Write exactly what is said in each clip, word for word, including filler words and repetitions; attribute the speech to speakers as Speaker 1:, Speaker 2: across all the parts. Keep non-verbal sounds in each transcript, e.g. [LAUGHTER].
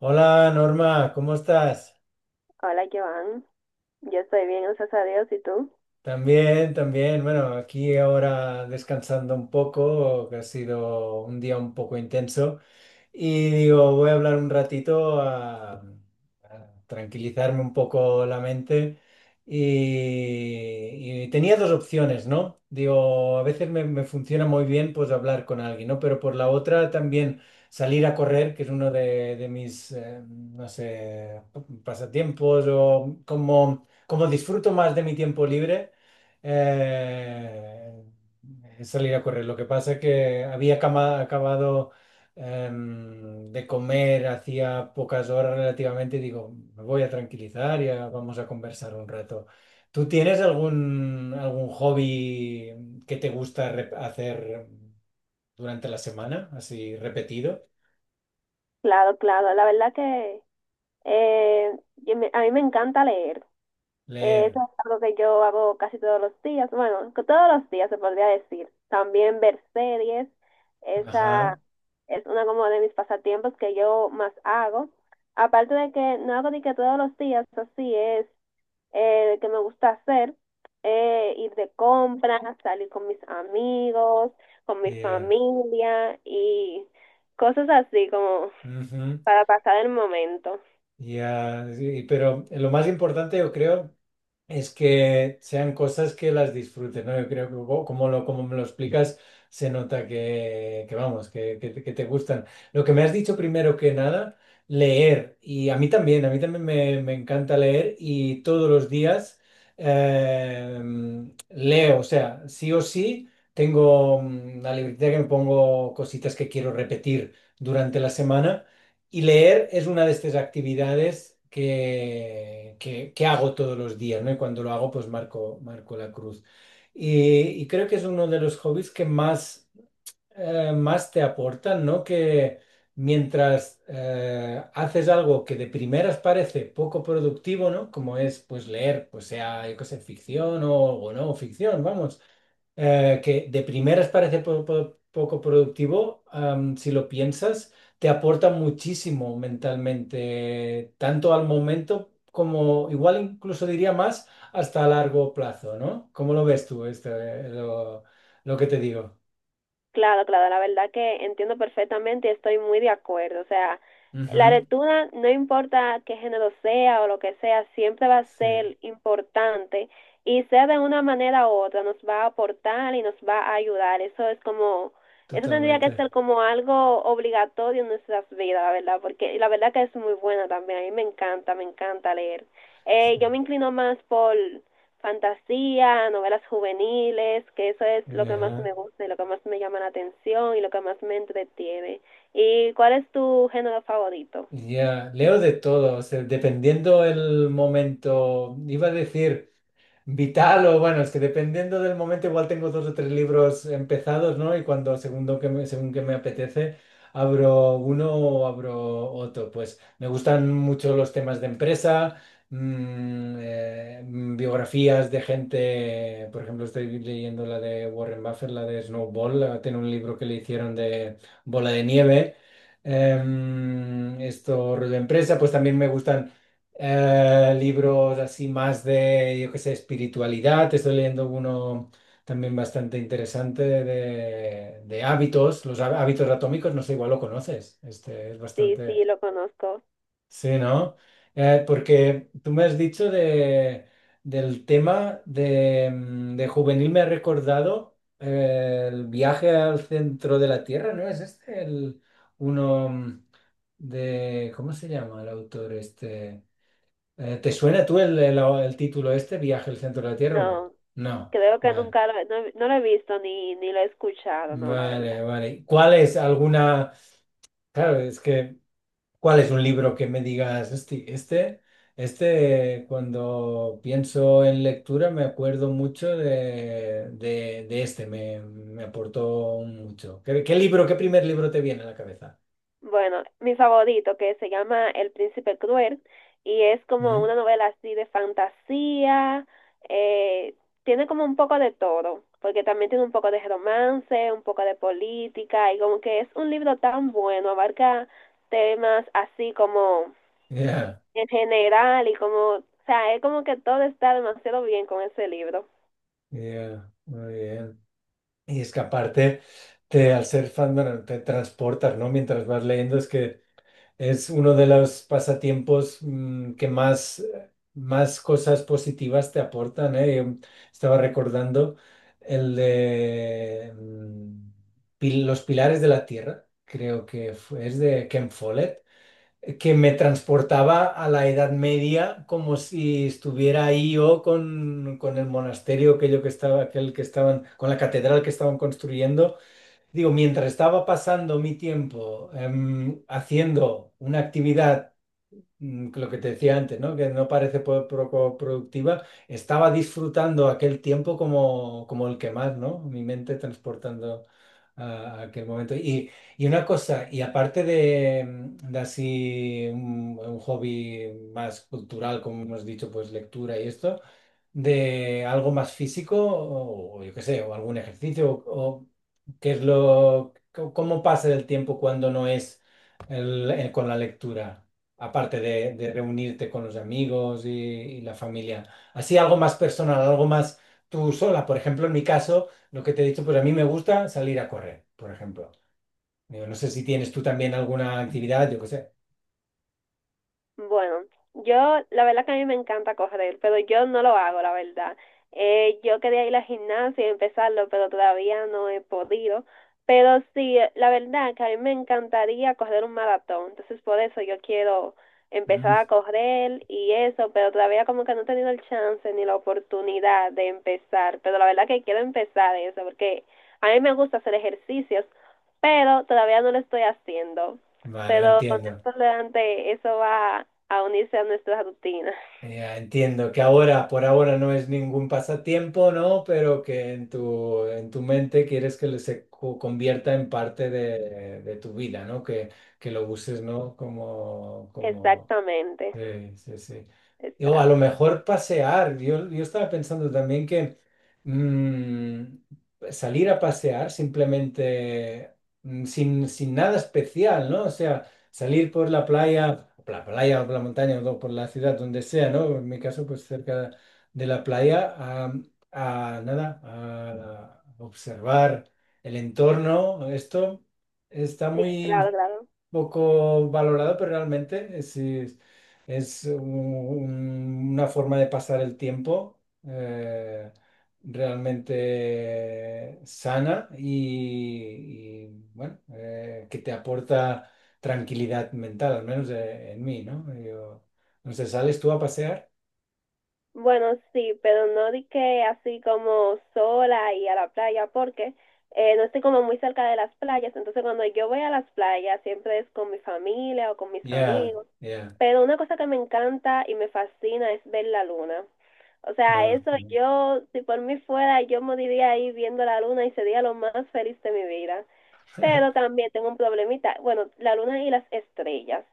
Speaker 1: Hola Norma, ¿cómo estás?
Speaker 2: Hola, Joan. Yo estoy bien, gracias a Dios. ¿Y tú?
Speaker 1: También, también. Bueno, aquí ahora descansando un poco, que ha sido un día un poco intenso. Y digo, voy a hablar un ratito a, a tranquilizarme un poco la mente. Y, y tenía dos opciones, ¿no? Digo, a veces me, me funciona muy bien pues hablar con alguien, ¿no? Pero por la otra también salir a correr, que es uno de, de mis, eh, no sé, pasatiempos o como, como disfruto más de mi tiempo libre, eh, es salir a correr. Lo que pasa que había cama- acabado em, de comer hacía pocas horas relativamente, digo, me voy a tranquilizar, ya vamos a conversar un rato. ¿Tú tienes algún, algún hobby que te gusta rep- hacer durante la semana, así repetido?
Speaker 2: Claro, claro. La verdad que eh, yo me- a mí me encanta leer. Eh, eso
Speaker 1: Leer.
Speaker 2: es algo que yo hago casi todos los días. Bueno, que todos los días se podría decir. También ver series. Esa
Speaker 1: Ajá.
Speaker 2: es una como de mis pasatiempos que yo más hago. Aparte de que no hago ni que todos los días, así es. Eh, que me gusta hacer, eh, ir de compras, salir con mis amigos, con mi
Speaker 1: Ya.
Speaker 2: familia y cosas así como
Speaker 1: Ujú.
Speaker 2: para pasar el momento.
Speaker 1: Ya. Sí, pero lo más importante, yo creo, es que sean cosas que las disfrutes, ¿no? Yo creo que co- como, lo, como me lo explicas, se nota que, que vamos, que, que, te que te gustan. Lo que me has dicho primero que nada, leer. Y a mí también, a mí también me, me encanta leer y todos los días eh, leo, o sea, sí o sí, tengo mm, la libertad que me pongo cositas que quiero repetir durante la semana. Y leer es una de estas actividades que, que- que hago todos los días, ¿no? Y cuando lo hago, pues marco, marco la cruz. Y, y creo que es uno de los hobbies que más eh, más te aportan, ¿no? Que mientras eh, haces algo que de primeras parece poco productivo, ¿no? Como es, pues, leer, pues sea, yo qué sé, ficción o, o no, ficción, vamos. eh, que de primeras parece po- po- poco productivo, am, si lo piensas, te aporta muchísimo mentalmente, tanto al momento como, igual incluso diría más, hasta a largo plazo, ¿no? ¿Cómo lo ves tú, este, lo, lo que te digo?
Speaker 2: Claro, claro, la verdad que entiendo perfectamente y estoy muy de acuerdo. O sea, la lectura, no importa qué género sea o lo que sea, siempre va a
Speaker 1: Sí,
Speaker 2: ser importante y sea de una manera u otra, nos va a aportar y nos va a ayudar. Eso es como, eso tendría que
Speaker 1: totalmente.
Speaker 2: ser como algo obligatorio en nuestras vidas, la verdad, porque y la verdad que es muy buena también. A mí me encanta, me encanta leer.
Speaker 1: Sí.
Speaker 2: Eh, yo me inclino más por fantasía, novelas juveniles, que eso es lo
Speaker 1: Y,
Speaker 2: que más
Speaker 1: ajá.
Speaker 2: me gusta y lo que más me llama la atención y lo que más me entretiene. ¿Y cuál es tu género favorito?
Speaker 1: Y Ya, leo de todo, o sea, dependiendo el momento. Iba a decir. Vital, o bueno, es que dependiendo del momento, igual tengo dos o tres libros empezados, ¿no? Y cuando, segundo que me- según que me apetece, abro uno o abro otro. Pues me gustan mucho los temas de empresa, mm, eh, mm, biografías de gente. Por ejemplo, estoy leyendo la de Warren Buffett, la de Snowball, la- tiene un libro que le hicieron de bola de nieve. Em, esto, rollo empresa, pues también me gustan eh, libros así más de, yo qué sé, espiritualidad. Estoy leyendo uno también bastante interesante de, de hábitos, los há- hábitos atómicos, no sé, igual lo conoces. Este es
Speaker 2: Sí,
Speaker 1: bastante.
Speaker 2: sí, lo conozco.
Speaker 1: Sí, ¿no? Eh, porque tú me has dicho de, del tema de, mm, de juvenil, me ha recordado eh, el viaje al centro de la Tierra, ¿no? Es este el uno mm, de, ¿cómo se llama el autor este? Eh, ¿Te suena tú el, el- el título este, Viaje al centro de la Tierra o no?
Speaker 2: No,
Speaker 1: No,
Speaker 2: creo que
Speaker 1: vale,
Speaker 2: nunca lo, no, no lo he visto ni, ni lo he escuchado, no, la verdad.
Speaker 1: vale, vale. ¿Cuál es alguna? Claro, es que, ¿cuál es un libro que me digas, "Hosti, este, este, cuando pienso en lectura me acuerdo mucho de, de, de este, me, me aportó mucho"? ¿Qué, qué libro, qué primer libro te viene a la cabeza?
Speaker 2: Bueno, mi favorito, que se llama El Príncipe Cruel, y es como
Speaker 1: ¿Mm?
Speaker 2: una novela así de fantasía, eh, tiene como un poco de todo, porque también tiene un poco de romance, un poco de política, y como que es un libro tan bueno, abarca temas así como
Speaker 1: Ya,
Speaker 2: en general, y como, o sea, es como que todo está demasiado bien con ese libro.
Speaker 1: ya, muy bien. Y es que aparte, te, al ser fan, bueno, te transportas, ¿no? Mientras vas leyendo, es que es uno de los pasatiempos mm, que más, más cosas positivas te aportan, ¿eh? Yo estaba recordando el de mm, Pil- Los Pilares de la Tierra, creo que fue- es de Ken Follett, que me transportaba a la Edad Media como si estuviera ahí yo con, con el monasterio aquello que estaba, aquel que estaban, con la catedral que estaban construyendo. Digo, mientras estaba pasando mi tiempo em, haciendo una actividad mm, lo que te decía antes, ¿no? Que no parece po- poco productiva, estaba disfrutando aquel tiempo como, como el que más, ¿no? Mi mente transportando a, a aquel momento. Y, y una cosa, y aparte de, mm, de así un, un hobby más cultural, como hemos dicho, pues lectura y esto, de algo más físico, o, o yo qué sé, o algún ejercicio, o, o qué es lo, c- cómo pasa el tiempo cuando no es el- el- con la lectura aparte de, de reunirte con los amigos y, y la familia. Así algo más personal, algo más tú sola. Por ejemplo, en mi caso, lo que te he dicho, pues a mí me gusta salir a correr, por ejemplo. Digo, no sé si tienes tú también alguna actividad, yo qué sé.
Speaker 2: Bueno, yo, la verdad que a mí me encanta correr, pero yo no lo hago, la verdad. Eh, yo quería ir a la gimnasia y empezarlo, pero todavía no he podido. Pero sí, la verdad que a mí me encantaría correr un maratón, entonces por eso yo quiero
Speaker 1: Mm.
Speaker 2: empezar a correr y eso, pero todavía como que no he tenido el chance ni la oportunidad de empezar, pero la verdad que quiero empezar eso, porque a mí me gusta hacer ejercicios, pero todavía no lo estoy haciendo.
Speaker 1: Vale,
Speaker 2: Pero con
Speaker 1: entiendo.
Speaker 2: esto delante, eso va a unirse a nuestras rutinas.
Speaker 1: Ya entiendo que ahora, por ahora, no es ningún pasatiempo, ¿no? Pero que en tu, en tu mente quieres que se co- convierta en parte de, de tu vida, ¿no? Que, que lo uses, ¿no? Como, como
Speaker 2: Exactamente,
Speaker 1: sí, sí, sí. Y, o a lo
Speaker 2: exacto.
Speaker 1: mejor pasear. Yo, yo estaba pensando también que mm, salir a pasear simplemente mm, sin, sin nada especial, ¿no? O sea, salir por la playa, por la playa o por la montaña o por la ciudad, donde sea, ¿no? En mi caso, pues cerca de la playa, a, a nada, a observar el entorno. Esto está
Speaker 2: Sí,
Speaker 1: muy
Speaker 2: claro, claro.
Speaker 1: poco valorado, pero realmente es es un- una forma de pasar el tiempo eh, realmente sana y, y, bueno, eh, que te aporta tranquilidad mental, al menos eh, en mí, ¿no? Yo, no sé, ¿sales tú a pasear?
Speaker 2: Bueno, sí, pero no di que así como sola y a la playa, porque eh, no estoy como muy cerca de las playas, entonces cuando yo voy a las playas siempre es con mi familia o con mis
Speaker 1: Ya,
Speaker 2: amigos,
Speaker 1: ya.
Speaker 2: pero una cosa que me encanta y me fascina es ver la luna. O sea,
Speaker 1: Ah,
Speaker 2: eso yo, si por mí fuera, yo moriría ahí viendo la luna y sería lo más feliz de mi vida. Pero
Speaker 1: [LAUGHS]
Speaker 2: también tengo un problemita, bueno, la luna y las estrellas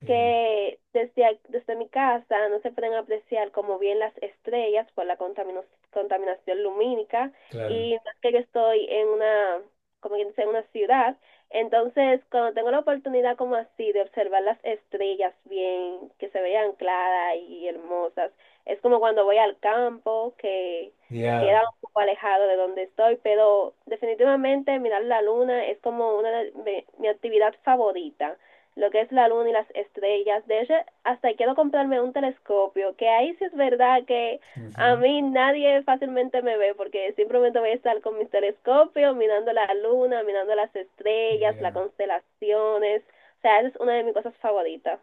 Speaker 1: ya,
Speaker 2: que desde, desde mi casa no se pueden apreciar como bien las estrellas por la contamino- contaminación lumínica
Speaker 1: claro.
Speaker 2: y más que yo estoy en una, como quien dice, en una ciudad, entonces cuando tengo la oportunidad como así de observar las estrellas bien, que se vean claras y hermosas, es como cuando voy al campo, que queda
Speaker 1: Ya.
Speaker 2: un poco alejado de donde estoy, pero definitivamente mirar la luna es como una de de mi actividad favorita lo que es la luna y las estrellas. De hecho, hasta quiero comprarme un telescopio, que ahí sí es verdad que a
Speaker 1: Ujú,
Speaker 2: mí nadie fácilmente me ve porque simplemente voy a estar con mis telescopios mirando la luna, mirando las estrellas, las
Speaker 1: ya.
Speaker 2: constelaciones. O sea, esa es una de mis cosas favoritas.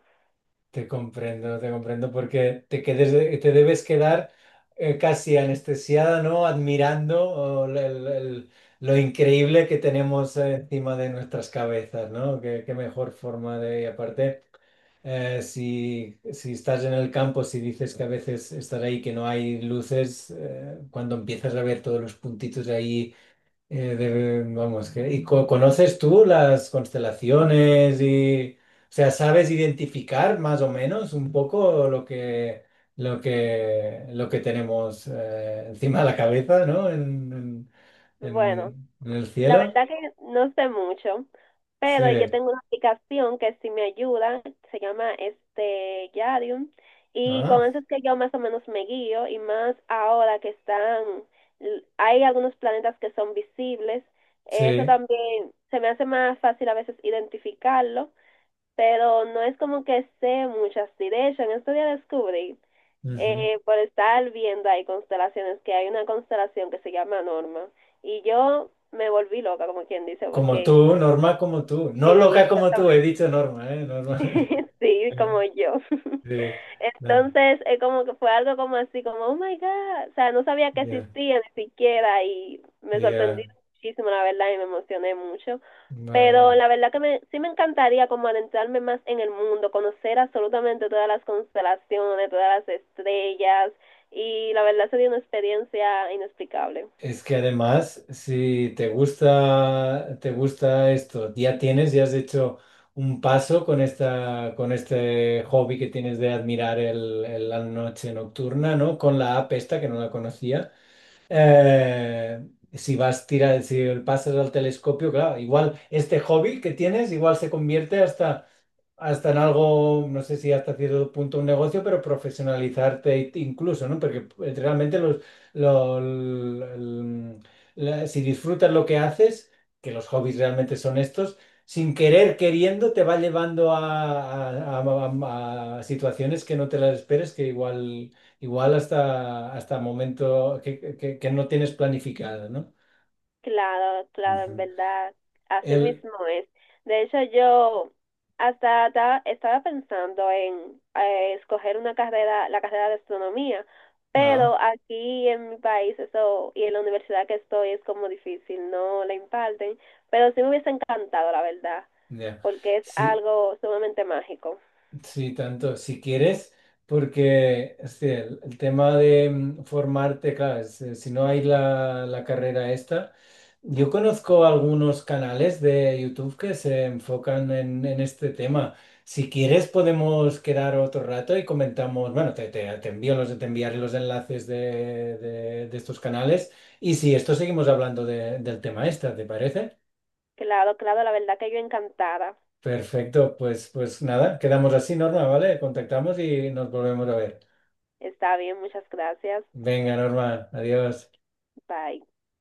Speaker 1: Te comprendo, te comprendo, porque te quedes, te debes quedar eh, casi anestesiada, ¿no? Admirando oh, el- el- el- lo increíble que tenemos eh, encima de nuestras cabezas, ¿no? Qué, qué mejor forma de... Y aparte, eh, si, si estás en el campo, si dices que a veces estás ahí que no hay luces, eh, cuando empiezas a ver todos los puntitos ahí eh, de- vamos, que, ¿y co- conoces tú las constelaciones y, o sea, sabes identificar más o menos un poco lo que, lo que, lo que tenemos eh, encima de la cabeza, ¿no? En, en-
Speaker 2: Bueno,
Speaker 1: en- en el
Speaker 2: la
Speaker 1: cielo?
Speaker 2: verdad que no sé mucho,
Speaker 1: Sí.
Speaker 2: pero yo tengo una aplicación que sí me ayuda, se llama este Yadium, y con
Speaker 1: Ah,
Speaker 2: eso es que yo más o menos me guío, y más ahora que están, l- hay algunos planetas que son visibles, eso
Speaker 1: sí.
Speaker 2: también se me hace más fácil a veces identificarlo, pero no es como que sé muchas así, de hecho, en este día descubrí
Speaker 1: Ujú.
Speaker 2: eh, por estar viendo ahí constelaciones, que hay una constelación que se llama Norma. Y yo me volví loca, como quien dice,
Speaker 1: Como
Speaker 2: porque
Speaker 1: tú, Norma, como tú. No
Speaker 2: sí,
Speaker 1: loca como tú, he
Speaker 2: exactamente,
Speaker 1: dicho Norma, ¿eh? Norma.
Speaker 2: [LAUGHS]
Speaker 1: [LAUGHS]
Speaker 2: sí, como yo. [LAUGHS]
Speaker 1: Sí. No,
Speaker 2: Entonces, eh, como que fue algo como así, como, oh my God, o sea, no sabía que
Speaker 1: ya,
Speaker 2: existía ni siquiera y me sorprendí
Speaker 1: ya,
Speaker 2: muchísimo, la verdad, y me emocioné mucho. Pero
Speaker 1: vaya.
Speaker 2: la verdad que me, sí me encantaría como adentrarme más en el mundo, conocer absolutamente todas las constelaciones, todas las estrellas, y la verdad sería una experiencia inexplicable.
Speaker 1: Es que además, si te gusta, te gusta esto, ya tienes, ya has hecho un paso con esta, con este hobby que tienes de admirar el, el- la noche nocturna, ¿no? Con la app esta, que no la conocía. Eh, si vas tirar, si pasas al telescopio, claro, igual este hobby que tienes, igual se convierte hasta hasta en algo, no sé si hasta cierto punto un negocio, pero profesionalizarte it- incluso, ¿no? Porque eh, realmente los, lo- el- la- si disfrutas lo que haces, que los hobbies realmente son estos, sin querer queriendo te va llevando a, a- a- a a situaciones que no te las esperes, que igual, igual hasta, hasta momento que, que- que no tienes planificado, ¿no?
Speaker 2: Claro, claro, en
Speaker 1: Ujú.
Speaker 2: verdad, así
Speaker 1: El,
Speaker 2: mismo es. De hecho, yo hasta ta- estaba pensando en eh, escoger una carrera, la carrera de astronomía,
Speaker 1: ah,
Speaker 2: pero aquí en mi país eso y en la universidad que estoy es como difícil, no la imparten, pero sí me hubiese encantado, la verdad,
Speaker 1: ya.
Speaker 2: porque es
Speaker 1: Sí.
Speaker 2: algo sumamente mágico.
Speaker 1: Sí, tanto, si quieres, porque este, el, el tema de mm, formarte, claro, es, eh, si no hay la, la carrera esta, yo conozco algunos canales de YouTube que se enfocan en, en este tema. Si quieres, podemos quedar otro rato y comentamos, bueno, te, te, te envío los, te enviaré los enlaces de, de- de estos canales y si esto seguimos hablando de- del tema esta, ¿te parece?
Speaker 2: Claro, claro, la verdad que yo encantada.
Speaker 1: Perfecto, pues, pues nada, quedamos así, Norma, ¿vale? Contactamos y nos volvemos a ver.
Speaker 2: Está bien, muchas gracias.
Speaker 1: Venga, Norma, adiós.
Speaker 2: Bye.